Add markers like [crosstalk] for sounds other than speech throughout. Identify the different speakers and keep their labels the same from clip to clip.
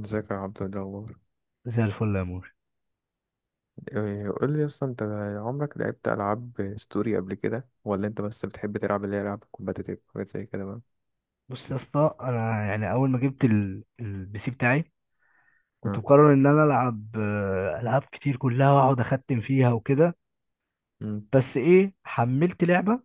Speaker 1: ازيك يا عبد الجبار؟
Speaker 2: زي الفل يا مور.
Speaker 1: إيه، قول لي اصلا انت عمرك لعبت العاب ستوري قبل كده ولا انت بس بتحب تلعب اللي هي العاب كومباتيتيف حاجات زي كده بقى؟
Speaker 2: بص يا اسطى، انا يعني اول ما جبت البي سي بتاعي كنت
Speaker 1: اه.
Speaker 2: مقرر ان انا العب العاب كتير كلها واقعد اختم فيها وكده.
Speaker 1: امم.
Speaker 2: بس ايه، حملت لعبه،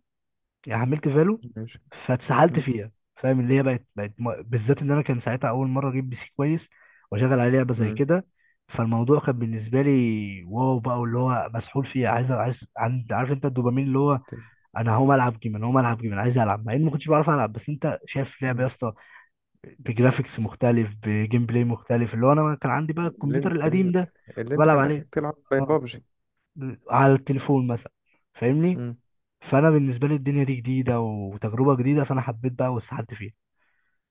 Speaker 2: يعني حملت فالو
Speaker 1: ماشي.
Speaker 2: فاتسحلت
Speaker 1: امم.
Speaker 2: فيها. فاهم اللي هي بقت بالذات ان انا كان ساعتها اول مره اجيب بي سي كويس واشغل عليه لعبه زي
Speaker 1: امم.
Speaker 2: كده. فالموضوع كان بالنسبه لي واو بقى، واللي هو مسحول فيه، عارف انت الدوبامين اللي هو
Speaker 1: ت-
Speaker 2: انا هقوم العب جيم، انا هقوم العب جيم، انا عايز العب مع اني ما كنتش بعرف العب. بس انت شايف لعبه يا
Speaker 1: امم.
Speaker 2: اسطى بجرافيكس مختلف بجيم بلاي مختلف، اللي هو انا كان عندي بقى
Speaker 1: اللي,
Speaker 2: الكمبيوتر
Speaker 1: ان-
Speaker 2: القديم
Speaker 1: ال-
Speaker 2: ده
Speaker 1: اللي
Speaker 2: كنت
Speaker 1: انت
Speaker 2: بلعب
Speaker 1: كان
Speaker 2: عليه،
Speaker 1: اخرك تلعب
Speaker 2: اه،
Speaker 1: بابجي.
Speaker 2: على التليفون مثلا، فاهمني؟
Speaker 1: امم.
Speaker 2: فانا بالنسبه لي الدنيا دي جديده وتجربه جديده، فانا حبيت بقى واستحدت فيها.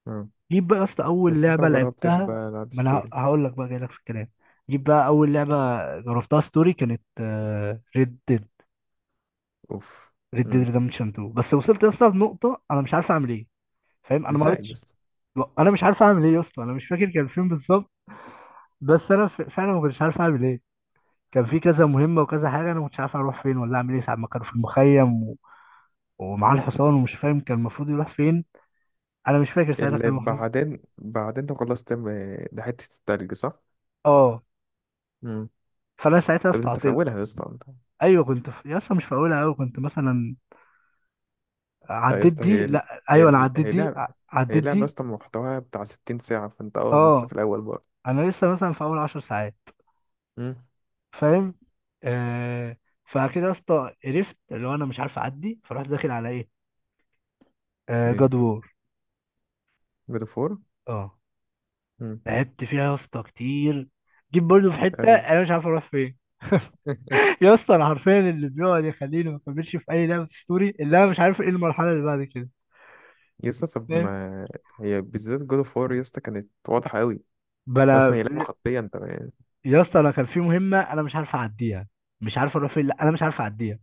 Speaker 1: اه.
Speaker 2: جيت بقى يا اسطى اول
Speaker 1: بس انت ما
Speaker 2: لعبه
Speaker 1: جربتش
Speaker 2: لعبتها،
Speaker 1: بقى العاب
Speaker 2: ما انا
Speaker 1: ستوري؟
Speaker 2: هقول لك بقى جاي لك في الكلام. جيت بقى اول لعبه جربتها ستوري كانت ريد ديد،
Speaker 1: اوف.
Speaker 2: ريد ديد
Speaker 1: امم.
Speaker 2: ريدمشن 2، بس وصلت يا اسطى لنقطه انا مش عارف اعمل ايه. فاهم، انا ما
Speaker 1: ازاي يا
Speaker 2: قريتش.
Speaker 1: اسطى؟
Speaker 2: انا مش عارف اعمل ايه يا اسطى، انا مش فاكر كان فين بالظبط. بس انا فعلا ما كنتش عارف اعمل ايه. كان في كذا مهمه وكذا حاجه، انا ما كنتش عارف اروح فين ولا اعمل ايه ساعه ما كانوا في المخيم ومعاه
Speaker 1: اه.
Speaker 2: الحصان ومش فاهم كان المفروض يروح فين. انا مش فاكر ساعتها كان
Speaker 1: اللي
Speaker 2: المفروض.
Speaker 1: بعدين انت خلصت ده حته التلج، صح؟
Speaker 2: اه.
Speaker 1: امم.
Speaker 2: فانا ساعتها
Speaker 1: طب انت في
Speaker 2: استعطلت.
Speaker 1: اولها يا اسطى انت؟
Speaker 2: ايوه يا اسطى مش في اولها قوي، كنت مثلا
Speaker 1: لا يا
Speaker 2: عديت
Speaker 1: اسطى،
Speaker 2: دي، لا ايوه انا عديت
Speaker 1: هي
Speaker 2: دي،
Speaker 1: لعبة، هي
Speaker 2: عديت
Speaker 1: لعبة يا
Speaker 2: دي.
Speaker 1: اسطى محتواها بتاع 60 ساعة، فانت اه لسه
Speaker 2: اه.
Speaker 1: في الأول بقى.
Speaker 2: انا لسه مثلا في اول 10 ساعات،
Speaker 1: امم.
Speaker 2: فاهم؟ آه... فكده يا اسطى قرفت، اللي هو انا مش عارف اعدي، فرحت داخل على ايه؟ آه،
Speaker 1: ايه؟
Speaker 2: جاد وور.
Speaker 1: جود اوف وور.
Speaker 2: اه،
Speaker 1: امم.
Speaker 2: لعبت فيها يا اسطى كتير، جيت برضه في حته
Speaker 1: قال-
Speaker 2: انا مش عارف اروح فين. [laughs]
Speaker 1: [laughs]
Speaker 2: يا اسطى انا حرفيا اللي بيقعد يخليني ما اكملش في اي لعبه ستوري اللي انا مش عارف ايه المرحله اللي بعد كده.
Speaker 1: يا اسطى طب
Speaker 2: فاهم؟
Speaker 1: ما هي بالذات جود اوف وور يا اسطى كانت واضحة قوي.
Speaker 2: بلا
Speaker 1: اصلا هي لعبة
Speaker 2: في-
Speaker 1: خطية انت يعني.
Speaker 2: يا اسطى انا كان في مهمه انا مش عارف اعديها، مش عارف اروح فين، لا انا مش عارف اعديها.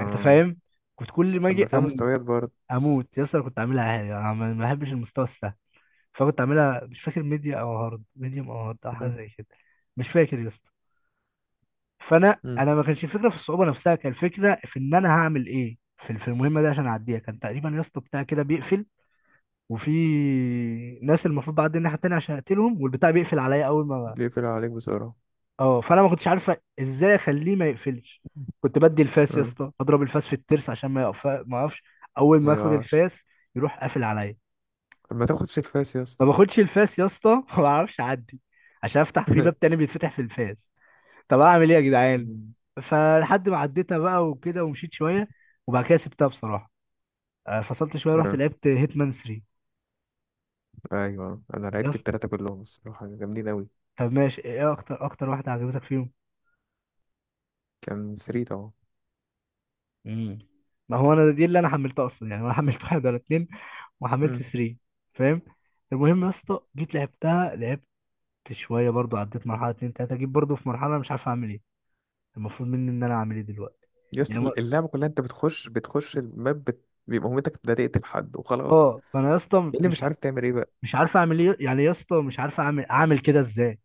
Speaker 2: انت فاهم؟ كنت كل ما
Speaker 1: طب
Speaker 2: اجي
Speaker 1: ما فيها
Speaker 2: اموت.
Speaker 1: مستويات برضه.
Speaker 2: اموت يا اسطى. أنا كنت اعملها عادي، انا ما بحبش المستوى السهل، فكنت اعملها، مش فاكر ميديا او هارد، ميديوم او هارد او حاجه
Speaker 1: مم.
Speaker 2: زي كده، مش فاكر يا اسطى. فانا
Speaker 1: مم.
Speaker 2: انا ما كانش الفكره في الصعوبه نفسها، كان الفكره في ان انا هعمل ايه في المهمه دي عشان اعديها. كان تقريبا يا اسطى بتاع كده بيقفل، وفي ناس المفروض بعدي الناحيه التانيه عشان اقتلهم، والبتاع بيقفل عليا اول ما،
Speaker 1: بيقفل عليك بسرعة.
Speaker 2: اه، فانا ما كنتش عارفه ازاي اخليه ما يقفلش. كنت بدي الفاس يا
Speaker 1: مم.
Speaker 2: اسطى اضرب الفاس في الترس عشان ما يقف ما اقفش. اول ما
Speaker 1: ما
Speaker 2: اخد
Speaker 1: يقعش.
Speaker 2: الفاس يروح قافل عليا.
Speaker 1: طب ما تاخد في الفاس يا
Speaker 2: ما
Speaker 1: اسطى.
Speaker 2: باخدش الفاس يا اسطى [laughs] ما بعرفش اعدي، عشان افتح في باب
Speaker 1: [laughs]
Speaker 2: تاني بيتفتح في الفاس. طب اعمل ايه يا جدعان؟
Speaker 1: مم.
Speaker 2: فلحد ما عديتها بقى وكده ومشيت شويه، وبعد كده سبتها بصراحه. فصلت شويه رحت
Speaker 1: آه.
Speaker 2: لعبت هيتمان 3.
Speaker 1: ايوه انا
Speaker 2: يا
Speaker 1: لعبت
Speaker 2: اسطى
Speaker 1: التلاتة كلهم، الصراحة جامدين قوي.
Speaker 2: طب ماشي، ايه اكتر واحده عجبتك فيهم؟
Speaker 1: كان 3 طبعا.
Speaker 2: امم، ما هو انا دي اللي انا حملتها اصلا، يعني انا حملت [laughs] واحد ولا اتنين، وحملت
Speaker 1: مم.
Speaker 2: 3. فاهم؟ المهم يا اسطى جيت لعبتها، لعبت شويه برضو، عديت مرحله اتنين تلاته، جيت برضو في مرحله مش عارف اعمل ايه، المفروض مني ان انا اعمل ايه دلوقتي.
Speaker 1: يس،
Speaker 2: يعني ما-
Speaker 1: اللعبة كلها انت بتخش الماب، بيبقى مهمتك ده تقتل حد وخلاص.
Speaker 2: اه فانا يا اسطى
Speaker 1: إيه اللي مش عارف تعمل ايه بقى؟
Speaker 2: مش عارف اعمل ايه، يعني يا اسطى مش عارف اعمل كده ازاي.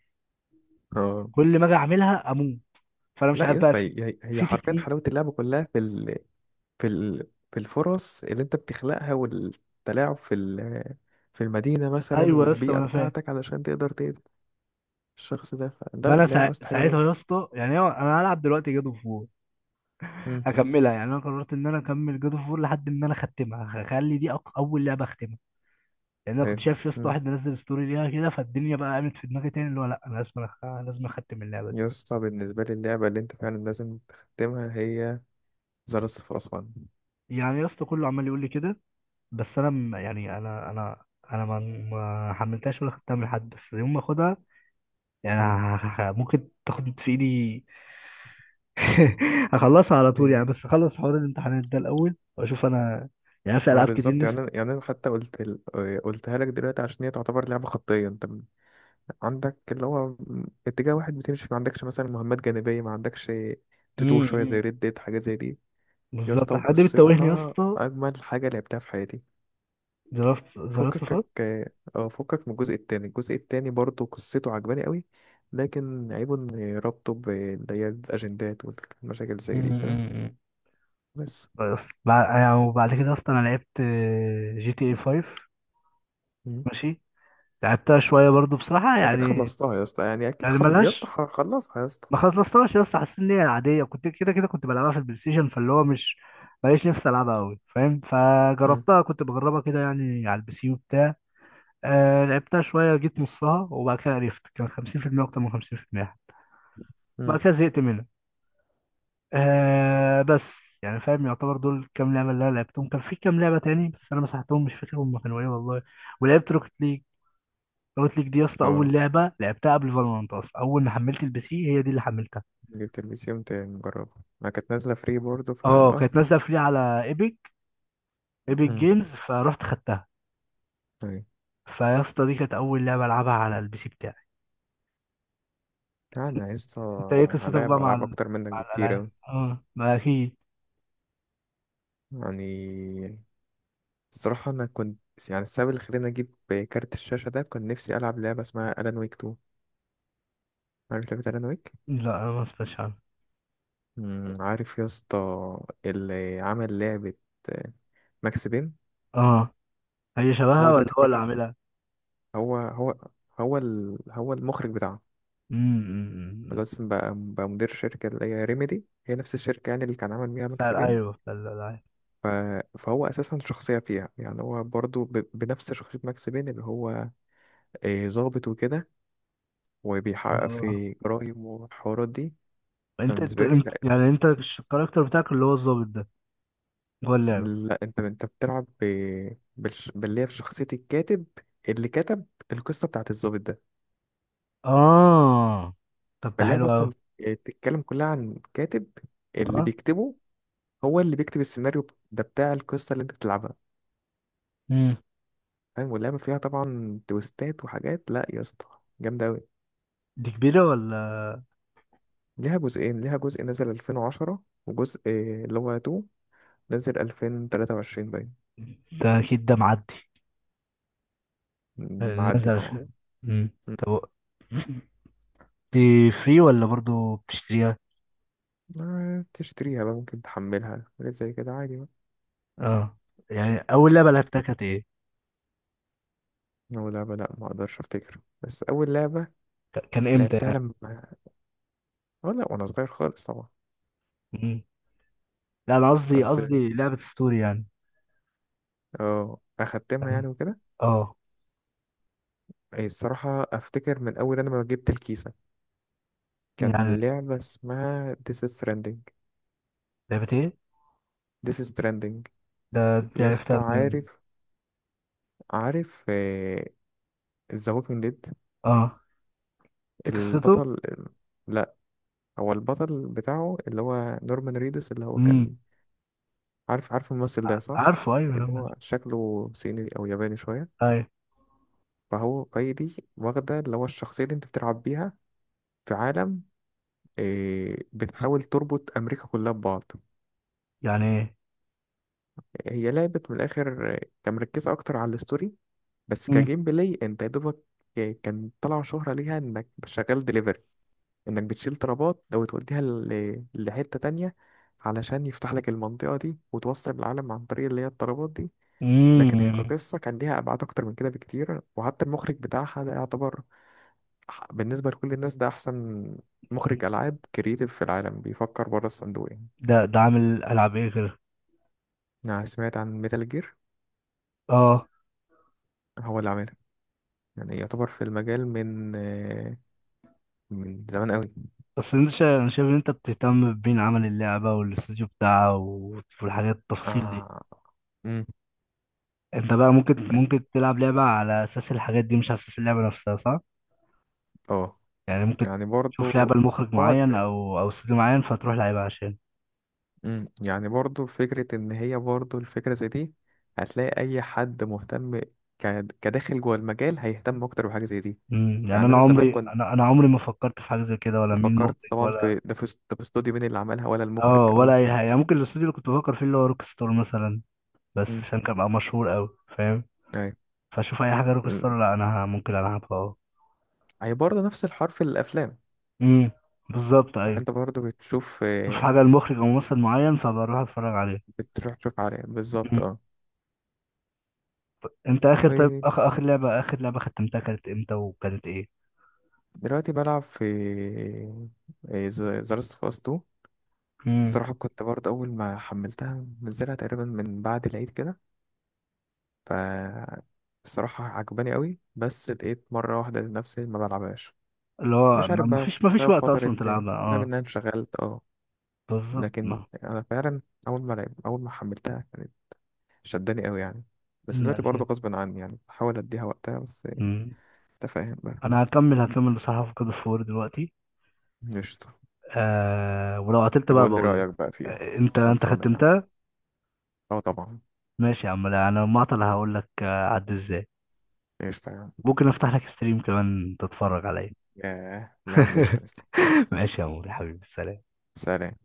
Speaker 1: اه.
Speaker 2: كل ما اجي اعملها اموت. فانا مش
Speaker 1: لا
Speaker 2: عارف
Speaker 1: يا
Speaker 2: بقى
Speaker 1: اسطى،
Speaker 2: في
Speaker 1: هي
Speaker 2: في
Speaker 1: حرفيا
Speaker 2: تكنيك.
Speaker 1: حلاوة اللعبة كلها في في الفرص اللي انت بتخلقها والتلاعب في في المدينة مثلا
Speaker 2: ايوه يا اسطى ما
Speaker 1: والبيئة
Speaker 2: انا فاهم.
Speaker 1: بتاعتك علشان تقدر تقتل الشخص ده.
Speaker 2: ما
Speaker 1: فده
Speaker 2: انا
Speaker 1: لعبة يا
Speaker 2: سا...
Speaker 1: اسطى حلوة أوي.
Speaker 2: ساعتها يا اسطى يعني انا هلعب دلوقتي جاد اوف وور
Speaker 1: مم.
Speaker 2: اكملها، يعني انا قررت ان انا اكمل جاد اوف وور لحد ما انا اختمها، هخلي دي اول لعبه اختمها، لان انا كنت
Speaker 1: حلو.
Speaker 2: شايف يا اسطى
Speaker 1: مم.
Speaker 2: واحد منزل ستوري ليها كده، فالدنيا بقى قامت في دماغي تاني اللي هو لا انا لازم لازم اختم اللعبه دي.
Speaker 1: يا اسطى بالنسبة لي اللعبة اللي انت فعلا لازم تختمها هي ذا لاست اوف اس
Speaker 2: يعني يا اسطى كله عمال يقول لي كده، بس انا يعني انا ما حملتهاش ولا خدتها من حد، بس يوم ما اخدها يعني ممكن تاخد في ايدي، [laughs] هخلصها على طول
Speaker 1: 1.
Speaker 2: يعني، بس اخلص حوار الامتحانات ده الاول واشوف انا، يعني في
Speaker 1: ما
Speaker 2: العاب كتير
Speaker 1: بالظبط، يعني أنا
Speaker 2: نفسي.
Speaker 1: يعني أنا حتى قلت آه، قلتها لك دلوقتي، عشان هي تعتبر لعبة خطية، أنت عندك اللي هو اتجاه واحد بتمشي، ما عندكش مثلا مهمات جانبية، ما عندكش تتوه
Speaker 2: مم،
Speaker 1: شوية زي
Speaker 2: مم.
Speaker 1: ريد ديد حاجات زي دي. يا اسطى
Speaker 2: بالظبط، حد بتتوهني يا
Speaker 1: وقصتها
Speaker 2: اسطى.
Speaker 1: أجمل حاجة لعبتها في حياتي.
Speaker 2: زرافت، زرافت
Speaker 1: فكك.
Speaker 2: فات.
Speaker 1: اه فكك. من الجزء التاني، الجزء التاني برضه قصته عجباني قوي، لكن عيبه إن ربطه باللي هي الأجندات والمشاكل
Speaker 2: مم،
Speaker 1: زي دي
Speaker 2: مم،
Speaker 1: كده.
Speaker 2: مم.
Speaker 1: بس.
Speaker 2: بس بعد يعني، وبعد كده اصلا انا لعبت جي تي اي 5.
Speaker 1: مم.
Speaker 2: ماشي. لعبتها شويه برضو بصراحه
Speaker 1: أكيد
Speaker 2: يعني،
Speaker 1: خلصتها يا اسطى، يعني أكيد
Speaker 2: يعني
Speaker 1: يا اسطى
Speaker 2: ملهاش،
Speaker 1: خلصها يا اسطى.
Speaker 2: ما خلصتهاش يا اسطى. حسيت ان هي عاديه، كنت كده كده كنت بلعبها في البلاي ستيشن، فاللي هو مش ماليش نفسي العبها قوي، فاهم؟
Speaker 1: مم.
Speaker 2: فجربتها كنت بجربها كده يعني على البي سي وبتاع. آه، لعبتها شوية، جيت نصها وبعد كده عرفت كان 50%، أكتر من 50%.
Speaker 1: مم.
Speaker 2: بعد كده زهقت منها. آه بس. يعني فاهم، يعتبر دول كام لعبة اللي أنا لعبتهم. كان في كام لعبة تاني بس أنا مسحتهم، مش فاكر هما كانوا إيه والله. ولعبت روكت ليج. روكت ليج دي يا اسطى
Speaker 1: اه،
Speaker 2: أول لعبة لعبتها قبل فالورانت أصلا، أول ما حملت البي سي هي دي اللي حملتها.
Speaker 1: جبت البي سي قمت مجربها، ما كانت نازلة فري برضه، فا
Speaker 2: أه
Speaker 1: اه.
Speaker 2: كانت نازلة فري على إيبك، إيبك
Speaker 1: مم.
Speaker 2: جيمز، فرحت خدتها.
Speaker 1: طيب.
Speaker 2: فيا اسطى دي كانت أول لعبة ألعبها على البي سي بتاعي.
Speaker 1: انا عايز
Speaker 2: أنت إيه قصتك
Speaker 1: هلاعب
Speaker 2: بقى مع
Speaker 1: العاب
Speaker 2: ال...
Speaker 1: اكتر منك
Speaker 2: مع
Speaker 1: بكتير
Speaker 2: الألعاب؟
Speaker 1: اوي
Speaker 2: أه ما أكيد.
Speaker 1: يعني. الصراحة انا كنت، يعني السبب اللي خلاني اجيب كارت الشاشة ده كنت نفسي العب لعبة اسمها الان ويك 2. عارف لعبة الان ويك؟
Speaker 2: لا أنا ما سمعتش.
Speaker 1: مم، عارف يا اسطى اللي عمل لعبة ماكس بين.
Speaker 2: اه، هي
Speaker 1: هو
Speaker 2: شبهها ولا
Speaker 1: دلوقتي
Speaker 2: هو اللي
Speaker 1: فتح،
Speaker 2: عاملها؟
Speaker 1: هو هو المخرج بتاعها،
Speaker 2: امم، أمم.
Speaker 1: خلاص بقى بقى مدير شركة اللي هي ريميدي، هي نفس الشركة يعني اللي كان عمل بيها ماكس
Speaker 2: بتاع، ايوه،
Speaker 1: بين.
Speaker 2: بتاع الالعاب.
Speaker 1: ف... فهو أساسا شخصية فيها، يعني هو برضو بنفس شخصية ماكس بين اللي هو إيه، ظابط وكده وبيحقق
Speaker 2: اه،
Speaker 1: في جرايم والحوارات دي.
Speaker 2: انت انت
Speaker 1: فبالنسبة لي
Speaker 2: انت
Speaker 1: لا،
Speaker 2: يعني انت الكاركتر بتاعك اللي هو الظابط ده هو اللعبة؟
Speaker 1: لا أنت أنت بتلعب باللي هي في شخصية الكاتب اللي كتب القصة بتاعت الظابط ده.
Speaker 2: اه. طب ده
Speaker 1: فاللي هي
Speaker 2: حلو قوي.
Speaker 1: أصلا بتتكلم كلها عن كاتب اللي
Speaker 2: اه.
Speaker 1: بيكتبه، هو اللي بيكتب السيناريو ده بتاع القصة اللي أنت بتلعبها.
Speaker 2: امم.
Speaker 1: فاهم؟ واللعبة فيها طبعا تويستات وحاجات، لا يا اسطى جامدة أوي.
Speaker 2: دي كبيرة ولا؟
Speaker 1: ليها جزئين، ليها جزء نزل 2010 وجزء آه، اللي هو 2، نزل 2023 باين.
Speaker 2: ده اكيد ده معدي.
Speaker 1: معدي
Speaker 2: نزل
Speaker 1: طبعا.
Speaker 2: في- امم.
Speaker 1: م.
Speaker 2: طب و- دي فري ولا برضو بتشتريها؟
Speaker 1: ما تشتريها بقى، ممكن تحملها حاجات زي كده عادي بقى.
Speaker 2: اه. يعني اول لعبة لعبتها كانت ايه؟
Speaker 1: أول لعبة؟ لأ ما أقدرش أفتكر. بس أول لعبة
Speaker 2: كان امتى
Speaker 1: لعبتها
Speaker 2: يعني؟
Speaker 1: لما، أه لأ وأنا صغير خالص طبعا،
Speaker 2: امم. لا انا قصدي،
Speaker 1: بس
Speaker 2: قصدي لعبة ستوري يعني.
Speaker 1: أه أختمها
Speaker 2: أنا-
Speaker 1: يعني وكده.
Speaker 2: اه.
Speaker 1: إيه، الصراحة أفتكر من أول أنا ما جبت الكيسة
Speaker 2: يعني
Speaker 1: كان لعبة اسمها This is Stranding.
Speaker 2: لعبة ايه؟
Speaker 1: This is Stranding.
Speaker 2: ده دي
Speaker 1: يا اسطى
Speaker 2: عرفتها منين؟
Speaker 1: عارف، عارف ذا ووكينج ديد؟
Speaker 2: اه. دي قصته؟
Speaker 1: البطل، لا هو البطل بتاعه اللي هو نورمان ريدس اللي هو
Speaker 2: امم.
Speaker 1: كان، عارف عارف الممثل ده صح؟
Speaker 2: عارفه، ايوه يا
Speaker 1: اللي
Speaker 2: عم.
Speaker 1: هو شكله صيني او ياباني شويه.
Speaker 2: ايوه.
Speaker 1: فهي دي واخده اللي هو الشخصيه اللي انت بتلعب بيها في عالم إيه، بتحاول تربط امريكا كلها ببعض.
Speaker 2: يعني ايه؟
Speaker 1: هي لعبت من الاخر آه، كان مركزه اكتر على الستوري، بس
Speaker 2: امم.
Speaker 1: كجيم بلاي انت يا دوبك آه، كان طلع شهره ليها انك شغال دليفري، انك بتشيل طلبات او توديها لحتة تانية علشان يفتح لك المنطقة دي وتوصل العالم عن طريق اللي هي الطلبات دي. لكن هي
Speaker 2: امم.
Speaker 1: كقصة كان ليها أبعاد أكتر من كده بكتير، وحتى المخرج بتاعها ده يعتبر بالنسبة لكل الناس ده أحسن مخرج ألعاب كرييتيف في العالم، بيفكر بره الصندوق يعني.
Speaker 2: ده ده عامل العاب ايه غير؟
Speaker 1: أنا سمعت عن ميتال جير.
Speaker 2: اه.
Speaker 1: هو اللي عاملها، يعني يعتبر في المجال من آه، من زمان قوي.
Speaker 2: بس انا شايف ان انت بتهتم بمين عمل اللعبه والاستوديو بتاعها والحاجات التفاصيل دي.
Speaker 1: اه. امم.
Speaker 2: انت بقى ممكن تلعب لعبه على اساس الحاجات دي مش على اساس اللعبه نفسها، صح؟
Speaker 1: اه.
Speaker 2: يعني ممكن
Speaker 1: يعني
Speaker 2: تشوف
Speaker 1: برضو
Speaker 2: لعبه لمخرج معين
Speaker 1: بعد.
Speaker 2: او استوديو معين فتروح لعبها عشان،
Speaker 1: مم. يعني برضو فكرة إن هي برضو الفكرة زي دي، هتلاقي أي حد مهتم كداخل جوه المجال هيهتم أكتر بحاجة زي دي.
Speaker 2: امم. يعني
Speaker 1: يعني
Speaker 2: انا
Speaker 1: أنا زمان
Speaker 2: عمري،
Speaker 1: كنت
Speaker 2: انا عمري ما فكرت في حاجه زي كده، ولا مين
Speaker 1: فكرت
Speaker 2: مخرج
Speaker 1: طبعا
Speaker 2: ولا.
Speaker 1: في ده، في ده في استوديو مين اللي عملها ولا المخرج،
Speaker 2: اه، ولا
Speaker 1: اه.
Speaker 2: اي حاجه يعني، ممكن الاستوديو اللي كنت بفكر فيه اللي هو روك ستار مثلا، بس
Speaker 1: مم.
Speaker 2: عشان كان بقى مشهور قوي، فاهم؟
Speaker 1: أيوة.
Speaker 2: فاشوف اي حاجه روك
Speaker 1: مم.
Speaker 2: ستار لا انا ممكن العبها، اه.
Speaker 1: هي برضه نفس الحوار في الأفلام.
Speaker 2: امم. بالظبط،
Speaker 1: يعني
Speaker 2: ايوه.
Speaker 1: أنت برضه بتشوف
Speaker 2: شوف
Speaker 1: آه،
Speaker 2: حاجه المخرج او ممثل معين فبروح اتفرج عليه.
Speaker 1: بتروح تشوف عليه بالظبط،
Speaker 2: مم.
Speaker 1: اه.
Speaker 2: انت اخر، طيب
Speaker 1: ودلوقتي
Speaker 2: اخر لعبه، اخر لعبه ختمتها كانت امتى وكانت ايه؟
Speaker 1: بلعب في آه، ذا لاست اوف اس 2.
Speaker 2: امم.
Speaker 1: صراحة كنت برضه أول ما حملتها منزلها تقريبا من بعد العيد كده. ف الصراحة عجباني قوي، بس لقيت مرة واحدة نفسي ما بلعبهاش.
Speaker 2: اللي هو
Speaker 1: مش
Speaker 2: ما
Speaker 1: عارف
Speaker 2: ما
Speaker 1: بقى
Speaker 2: فيش ما فيش
Speaker 1: بسبب
Speaker 2: وقت
Speaker 1: فترة
Speaker 2: اصلا
Speaker 1: تاني،
Speaker 2: تلعبها،
Speaker 1: بسبب إن
Speaker 2: اه.
Speaker 1: أنا انشغلت، اه.
Speaker 2: بالظبط،
Speaker 1: لكن
Speaker 2: ما
Speaker 1: أنا فعلا أول ما حملتها كانت شداني قوي يعني، بس دلوقتي
Speaker 2: ماشي.
Speaker 1: برضه غصب عني يعني بحاول أديها وقتها بس.
Speaker 2: امم.
Speaker 1: أنت فاهم بقى.
Speaker 2: انا هكمل، هكمل بصراحه في كود اوف وور دلوقتي.
Speaker 1: قشطة.
Speaker 2: آه ولو قتلت
Speaker 1: يبقى
Speaker 2: بقى
Speaker 1: قول لي
Speaker 2: بقول لك.
Speaker 1: رأيك بقى فيها،
Speaker 2: آه، انت انت
Speaker 1: خلصانة يعني.
Speaker 2: ختمتها؟
Speaker 1: اه طبعا.
Speaker 2: ماشي يا عم. لا انا المعطل هقول لك، آه، عد ازاي.
Speaker 1: قشطة يا عم.
Speaker 2: ممكن افتح لك ستريم كمان تتفرج عليا.
Speaker 1: ياه يا عم، قشطة
Speaker 2: [laughs]
Speaker 1: قشطة.
Speaker 2: ماشي يا عمور يا حبيبي، سلام.
Speaker 1: سلام.